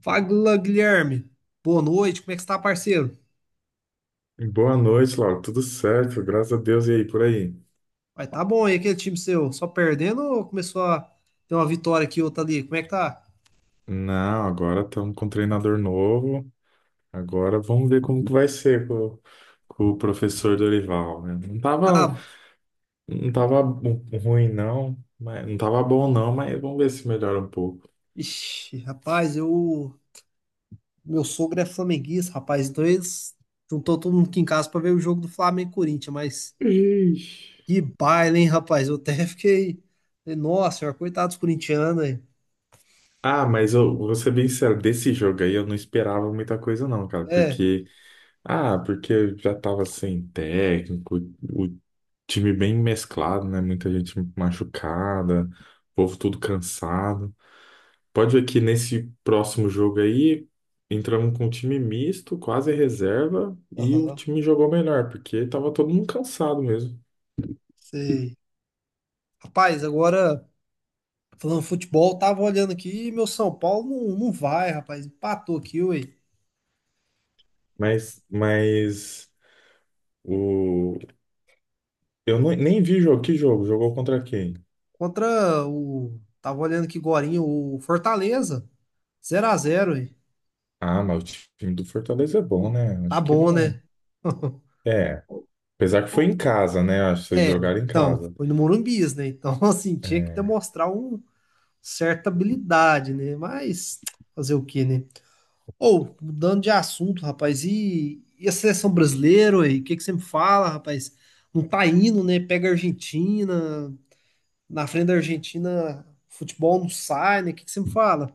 Fala, Guilherme. Boa noite, como é que você tá, parceiro? Boa noite, Laura. Tudo certo? Graças a Deus. E aí, por aí? Vai, tá bom aí aquele time seu? Só perdendo ou começou a ter uma vitória aqui, outra ali? Como é que tá? Não, agora estamos com um treinador novo. Agora vamos ver como que vai ser com o professor Dorival, né? Não tava, Ah, não tava bu- ruim, não. Mas não tava bom, não, mas vamos ver se melhora um pouco. ixi, rapaz, eu. Meu sogro é flamenguista, rapaz, então eles juntou todo mundo aqui em casa pra ver o jogo do Flamengo e Corinthians, mas Ixi. que baile, hein, rapaz? Eu até fiquei. Falei, nossa senhora, coitado dos corintianos aí. Ah, mas eu vou ser bem sincero, desse jogo aí eu não esperava muita coisa, não, cara, É, porque já estava sem técnico, o time bem mesclado, né? Muita gente machucada, o povo tudo cansado. Pode ver que nesse próximo jogo aí, entramos com um time misto, quase reserva, e o aham, time jogou melhor, porque estava todo mundo cansado mesmo. sei. Rapaz, agora. Falando futebol, tava olhando aqui e meu São Paulo não vai, rapaz. Empatou aqui, ué. Mas o... eu nem vi jogo. Que jogo? Jogou contra quem? Contra o. Tava olhando aqui agorinha, o Fortaleza. Zero a zero, ué. Ah, mas o time do Fortaleza é bom, né? Tá Acho que bom, não. né? É. Apesar que foi em casa, né? Acho que vocês É, jogaram em então, casa. foi no Morumbis, né? Então, assim, tinha que É. demonstrar uma certa habilidade, né? Mas fazer o quê, né? Ou, mudando de assunto, rapaz, e a seleção brasileira, ué? O que que você me fala, rapaz? Não tá indo, né? Pega a Argentina, na frente da Argentina, futebol não sai, né? O que que você me fala?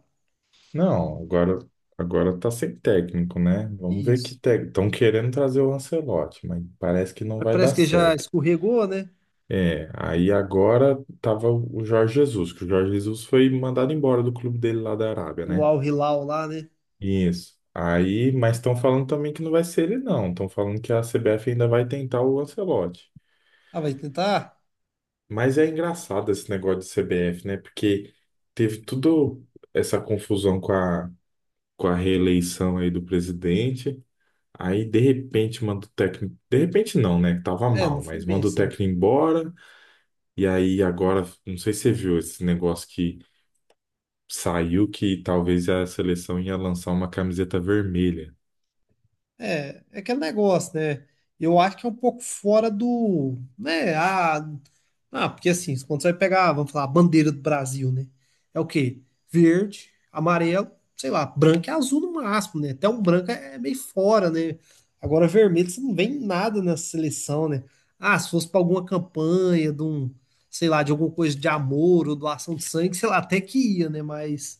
Não, agora tá sem técnico, né? Vamos ver que Isso. técnico. Estão querendo trazer o Ancelotti, mas parece que não Mas vai parece dar que já certo. escorregou, né? É, aí agora tava o Jorge Jesus, que o Jorge Jesus foi mandado embora do clube dele lá da Arábia, O né? Al Hilal lá, né? Isso. Aí, mas estão falando também que não vai ser ele, não. Estão falando que a CBF ainda vai tentar o Ancelotti. Ah, vai tentar? Mas é engraçado esse negócio de CBF, né? Porque teve tudo essa confusão com a reeleição aí do presidente. Aí, de repente, manda o técnico. De repente, não, né? Que tava É, não mal, foi mas bem manda o assim. técnico embora. E aí, agora, não sei se você viu esse negócio que saiu que talvez a seleção ia lançar uma camiseta vermelha. É, é aquele negócio, né? Eu acho que é um pouco fora do, né? Ah, ah, porque assim, quando você vai pegar, vamos falar, a bandeira do Brasil, né? É o quê? Verde, amarelo, sei lá, branco e azul no máximo, né? Até um branco é meio fora, né? Agora vermelho você não vê em nada nessa seleção, né? Ah, se fosse para alguma campanha de um, sei lá, de alguma coisa de amor ou doação de sangue, sei lá, até que ia, né? Mas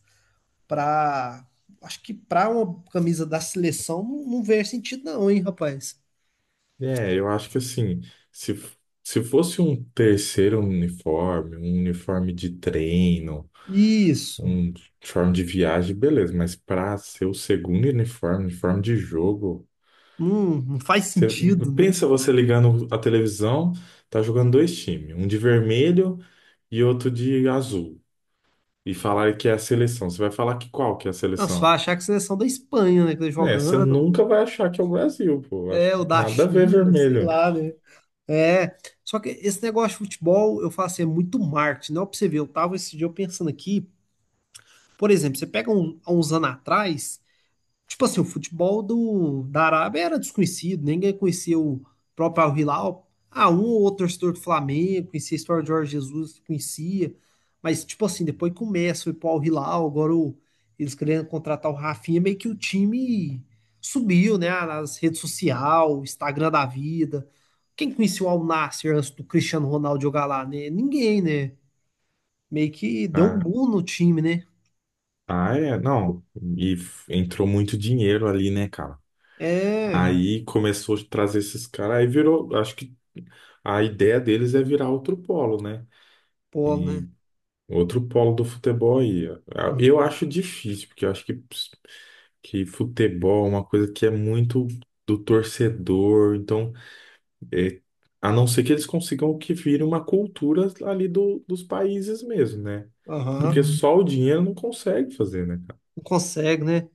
para acho que para uma camisa da seleção não vê sentido não, hein, rapaz? É, eu acho que assim, se, se fosse um terceiro uniforme, um uniforme de treino. Isso. Um uniforme de viagem, beleza, mas para ser o segundo uniforme, uniforme de jogo, Não, não faz você, sentido, né? pensa você ligando a televisão, tá jogando dois times, um de vermelho e outro de azul, e falar que é a seleção. Você vai falar que qual que é a Não, você seleção? vai achar que a seleção da Espanha, né, que tá É, você jogando, nunca vai achar que é o Brasil, pô. Acho é, o que da nada a ver China, sei vermelho. lá, né? É, só que esse negócio de futebol, eu falo assim, é muito marketing, não é pra você ver, eu tava esse dia eu pensando aqui, por exemplo, você pega um, há uns anos atrás, tipo assim, o futebol do, da Arábia era desconhecido, ninguém conhecia o próprio Al-Hilal. Ah, um ou outro torcedor do Flamengo, conhecia a história de Jorge Jesus, conhecia. Mas, tipo assim, depois que o Messi foi pro Al-Hilal, agora o- eles querendo contratar o Rafinha, meio que o time subiu, né? Nas redes sociais, Instagram da vida. Quem conhecia o Al-Nassr antes do Cristiano Ronaldo jogar lá, né? Ninguém, né? Meio que deu um Ah, boom no time, né? ah, é, não. E entrou muito dinheiro ali, né, cara? É, Aí começou a trazer esses caras, aí virou, acho que a ideia deles é virar outro polo, né? pô, né? E outro polo do futebol aí. Eu Uhum. acho difícil, porque eu acho que futebol é uma coisa que é muito do torcedor, então, é, a não ser que eles consigam que vire uma cultura ali dos países mesmo, né? Porque Aham. só o dinheiro não consegue fazer, né, cara? Não consegue, né?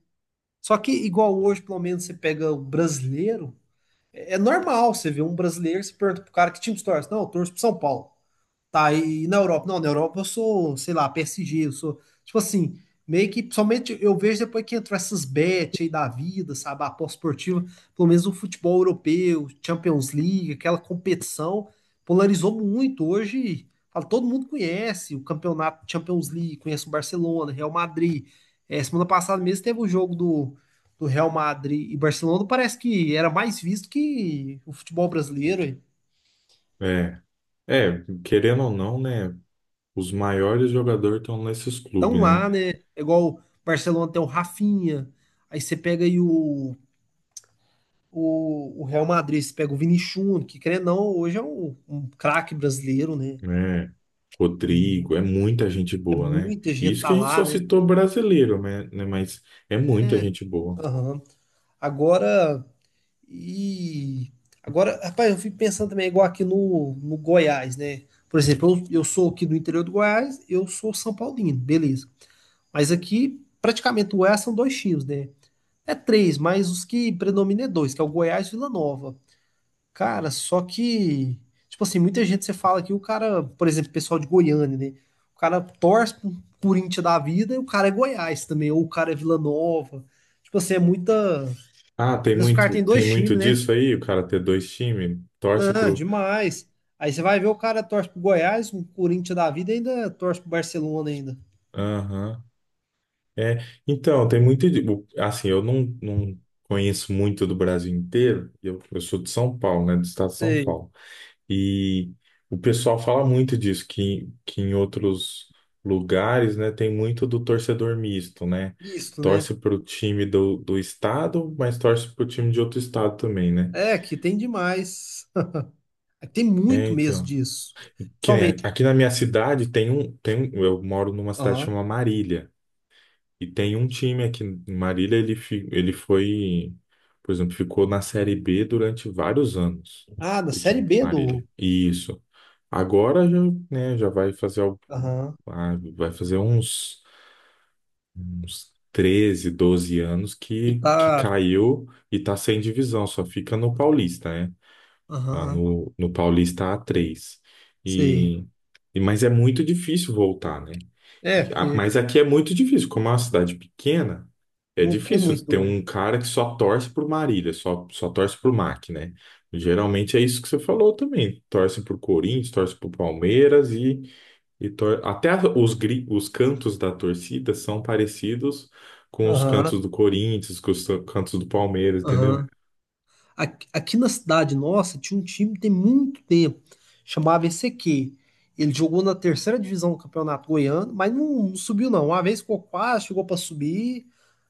Só que igual hoje, pelo menos, você pega o brasileiro, é normal você ver um brasileiro, você pergunta pro cara que time você torce. Não, eu torço pro São Paulo. Tá, e na Europa? Não, na Europa eu sou, sei lá, PSG, eu sou, tipo assim, meio que somente eu vejo depois que entrou essas bets aí da vida, sabe, a aposta esportiva, pelo menos o futebol europeu, Champions League, aquela competição, polarizou muito. Hoje, fala, todo mundo conhece o campeonato Champions League, conhece o Barcelona, Real Madrid. É, semana passada mesmo teve o jogo do, do Real Madrid e Barcelona, parece que era mais visto que o futebol brasileiro, hein? É, é, querendo ou não, né? Os maiores jogadores estão nesses Estão clubes, né? lá, né? É igual o Barcelona tem o Rafinha. Aí você pega aí o Real Madrid, você pega o Vini Júnior, que querendo ou não, hoje é um, um craque brasileiro, né? né? Uhum. Rodrigo, é muita gente É boa, né? muita gente Isso tá que a gente lá, só né? citou brasileiro, né? Mas é muita gente boa. Aham. Agora, e agora, rapaz, eu fico pensando também, igual aqui no, no Goiás, né? Por exemplo, eu sou aqui do interior do Goiás, eu sou São Paulino, beleza. Mas aqui, praticamente, o Goiás são dois times, né? É três, mas os que predominam é dois, que é o Goiás e Vila Nova. Cara, só que, tipo assim, muita gente você fala que o cara, por exemplo, pessoal de Goiânia, né? O cara torce pro Corinthians da vida e o cara é Goiás também, ou o cara é Vila Nova. Tipo assim, é muita. Às Ah, tem vezes o cara muito, tem tem dois muito times, né? disso aí, o cara ter dois times, torce Não, pro. demais. Aí você vai ver o cara torce pro Goiás, o Corinthians da vida e ainda torce pro Barcelona ainda. Aham. É, então, tem muito. Assim, eu não conheço muito do Brasil inteiro, eu sou de São Paulo, né? Do estado de São Sei. Paulo. E o pessoal fala muito disso, que em outros lugares, né, tem muito do torcedor misto, né? Isso, né? Torce para o time do estado, mas torce para o time de outro estado também, né? É, que tem demais. Tem É, muito mesmo então. disso. Que nem Somente. aqui na minha cidade eu moro numa cidade chamada Marília. E tem um time aqui em Marília, ele foi, por exemplo, ficou na Série B durante vários anos, Ah, da o Série time de B do. Marília. Isso. Agora já, né, já Aham. Vai fazer uns 13, 12 anos Que que tá. caiu e tá sem divisão, só fica no Paulista, né? Tá? Aham. No Paulista a três. Sei. E, mas é muito difícil voltar, né? É, porque Mas aqui é muito difícil, como é uma cidade pequena, é não tem difícil ter muito. um cara que só torce por Marília, só torce por MAC, né? Geralmente é isso que você falou também. Torce por Corinthians, torce por Palmeiras e tor- até a- os, gri- os cantos da torcida são parecidos com os Aham. cantos do Corinthians, com os cantos do Palmeiras, Aham. entendeu? Aqui, aqui na cidade nossa tinha um time tem muito tempo, chamava ECQ. Ele jogou na terceira divisão do Campeonato Goiano, mas não subiu não. Uma vez ficou quase, chegou para subir,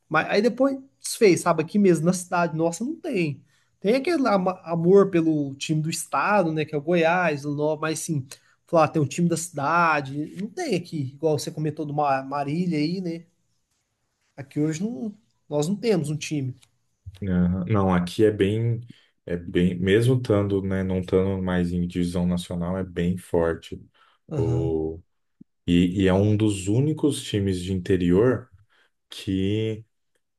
mas aí depois desfez, sabe? Aqui mesmo na cidade nossa não tem. Tem aquele ama- amor pelo time do estado, né, que é o Goiás, o Nova, mas sim, falar, ah, tem um time da cidade, não tem aqui, igual você comentou do Ma- Marília aí, né? Aqui hoje não, nós não temos um time. Aham. Não, aqui é bem, mesmo estando, né, não estando mais em divisão nacional, é bem forte. Aham. O, e é um dos únicos times de interior que,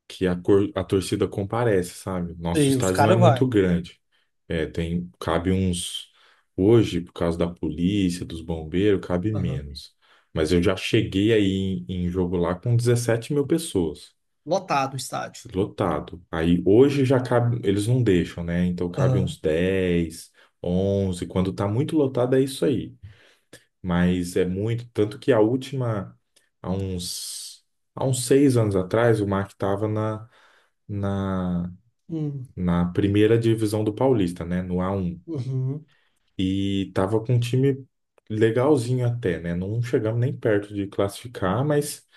que a torcida comparece, sabe? E Nosso os estádio não é caras vai. muito grande. É, cabe uns, hoje, por causa da polícia, dos bombeiros, cabe menos. Mas eu já cheguei aí em jogo lá com 17 mil pessoas. Lotado o estádio. Lotado. Aí hoje já cabe, eles não deixam, né? Então cabe Aham. uns 10, 11. Quando tá muito lotado é isso aí. Mas é muito, tanto que a última, há uns, há uns 6 anos atrás, o Mark tava na, Hum. na primeira divisão do Paulista, né? No A1. Uhum. E tava com um time legalzinho até, né? Não chegamos nem perto de classificar, mas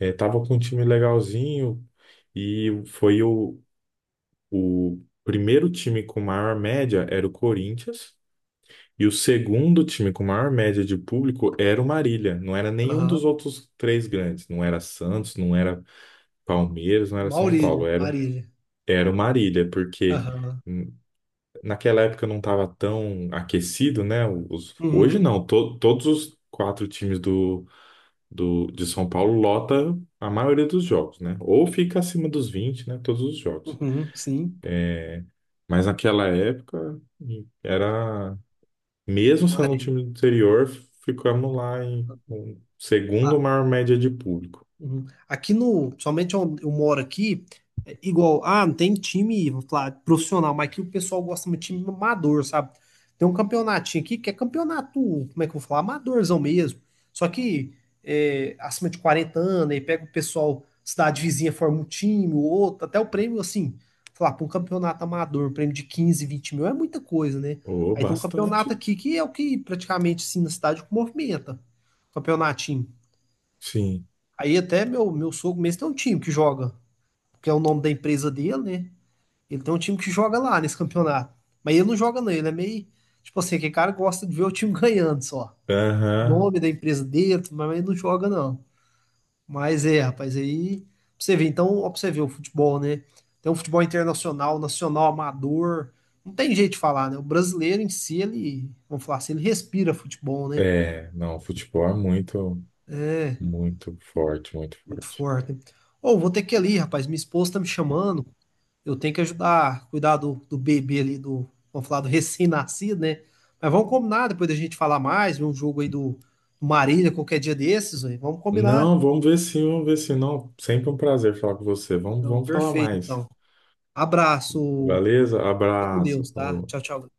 tava com um time legalzinho. E foi o, O primeiro time com maior média era o Corinthians, e o segundo time com maior média de público era o Marília. Não era nenhum dos Aham. outros três grandes. Não era Santos, não era Palmeiras, não era São Maurílio, Paulo. Era, Marília. era o Marília, porque Aham. hum, naquela época não estava tão aquecido, né? Hoje Uhum. não. Todos os quatro times de São Paulo lota a maioria dos jogos, né? Ou fica acima dos 20, né? Todos os jogos. Uhum. Sim. Mas naquela época era, mesmo sendo um Marília. time do interior, ficamos lá em com segundo maior média de público. Uhum. Aqui no, somente onde eu moro aqui, é igual, ah, não tem time, vou falar, profissional, mas aqui o pessoal gosta muito de time amador, sabe? Tem um campeonatinho aqui que é campeonato, como é que eu vou falar? Amadorzão mesmo. Só que é, acima de 40 anos, aí pega o pessoal, cidade vizinha forma um time, o outro, até o prêmio, assim, falar, para um campeonato amador, um prêmio de 15, 20 mil é muita coisa, né? Oh, Aí tem um campeonato bastante. aqui que é o que praticamente, assim, na cidade movimenta, campeonatinho. Sim. Aí até meu sogro mesmo tem um time que joga, que é o nome da empresa dele, né? Ele tem um time que joga lá nesse campeonato. Mas ele não joga não, ele é meio, tipo assim, aquele cara que gosta de ver o time ganhando só. Aham. Nome da empresa dele, mas ele não joga não. Mas é, rapaz, aí pra você ver, então, ó, pra você ver o futebol, né? Tem um futebol internacional, nacional, amador. Não tem jeito de falar, né? O brasileiro em si, ele, vamos falar assim, ele respira futebol, né? É, não, futebol é muito, muito forte, muito Muito forte. forte. Ô, vou ter que ir ali, rapaz. Minha esposa tá me chamando. Eu tenho que ajudar, cuidar do, do bebê ali, do, vamos falar do recém-nascido, né? Mas vamos combinar depois da gente falar mais, ver um jogo aí do Marília qualquer dia desses, velho. Vamos combinar. Não, vamos ver sim, vamos ver sim. Não, sempre um prazer falar com você. Vamos, Então, vamos falar perfeito, mais. então. Abraço, Beleza? fica com Abraço. Deus, tá? Falou. Tchau, tchau.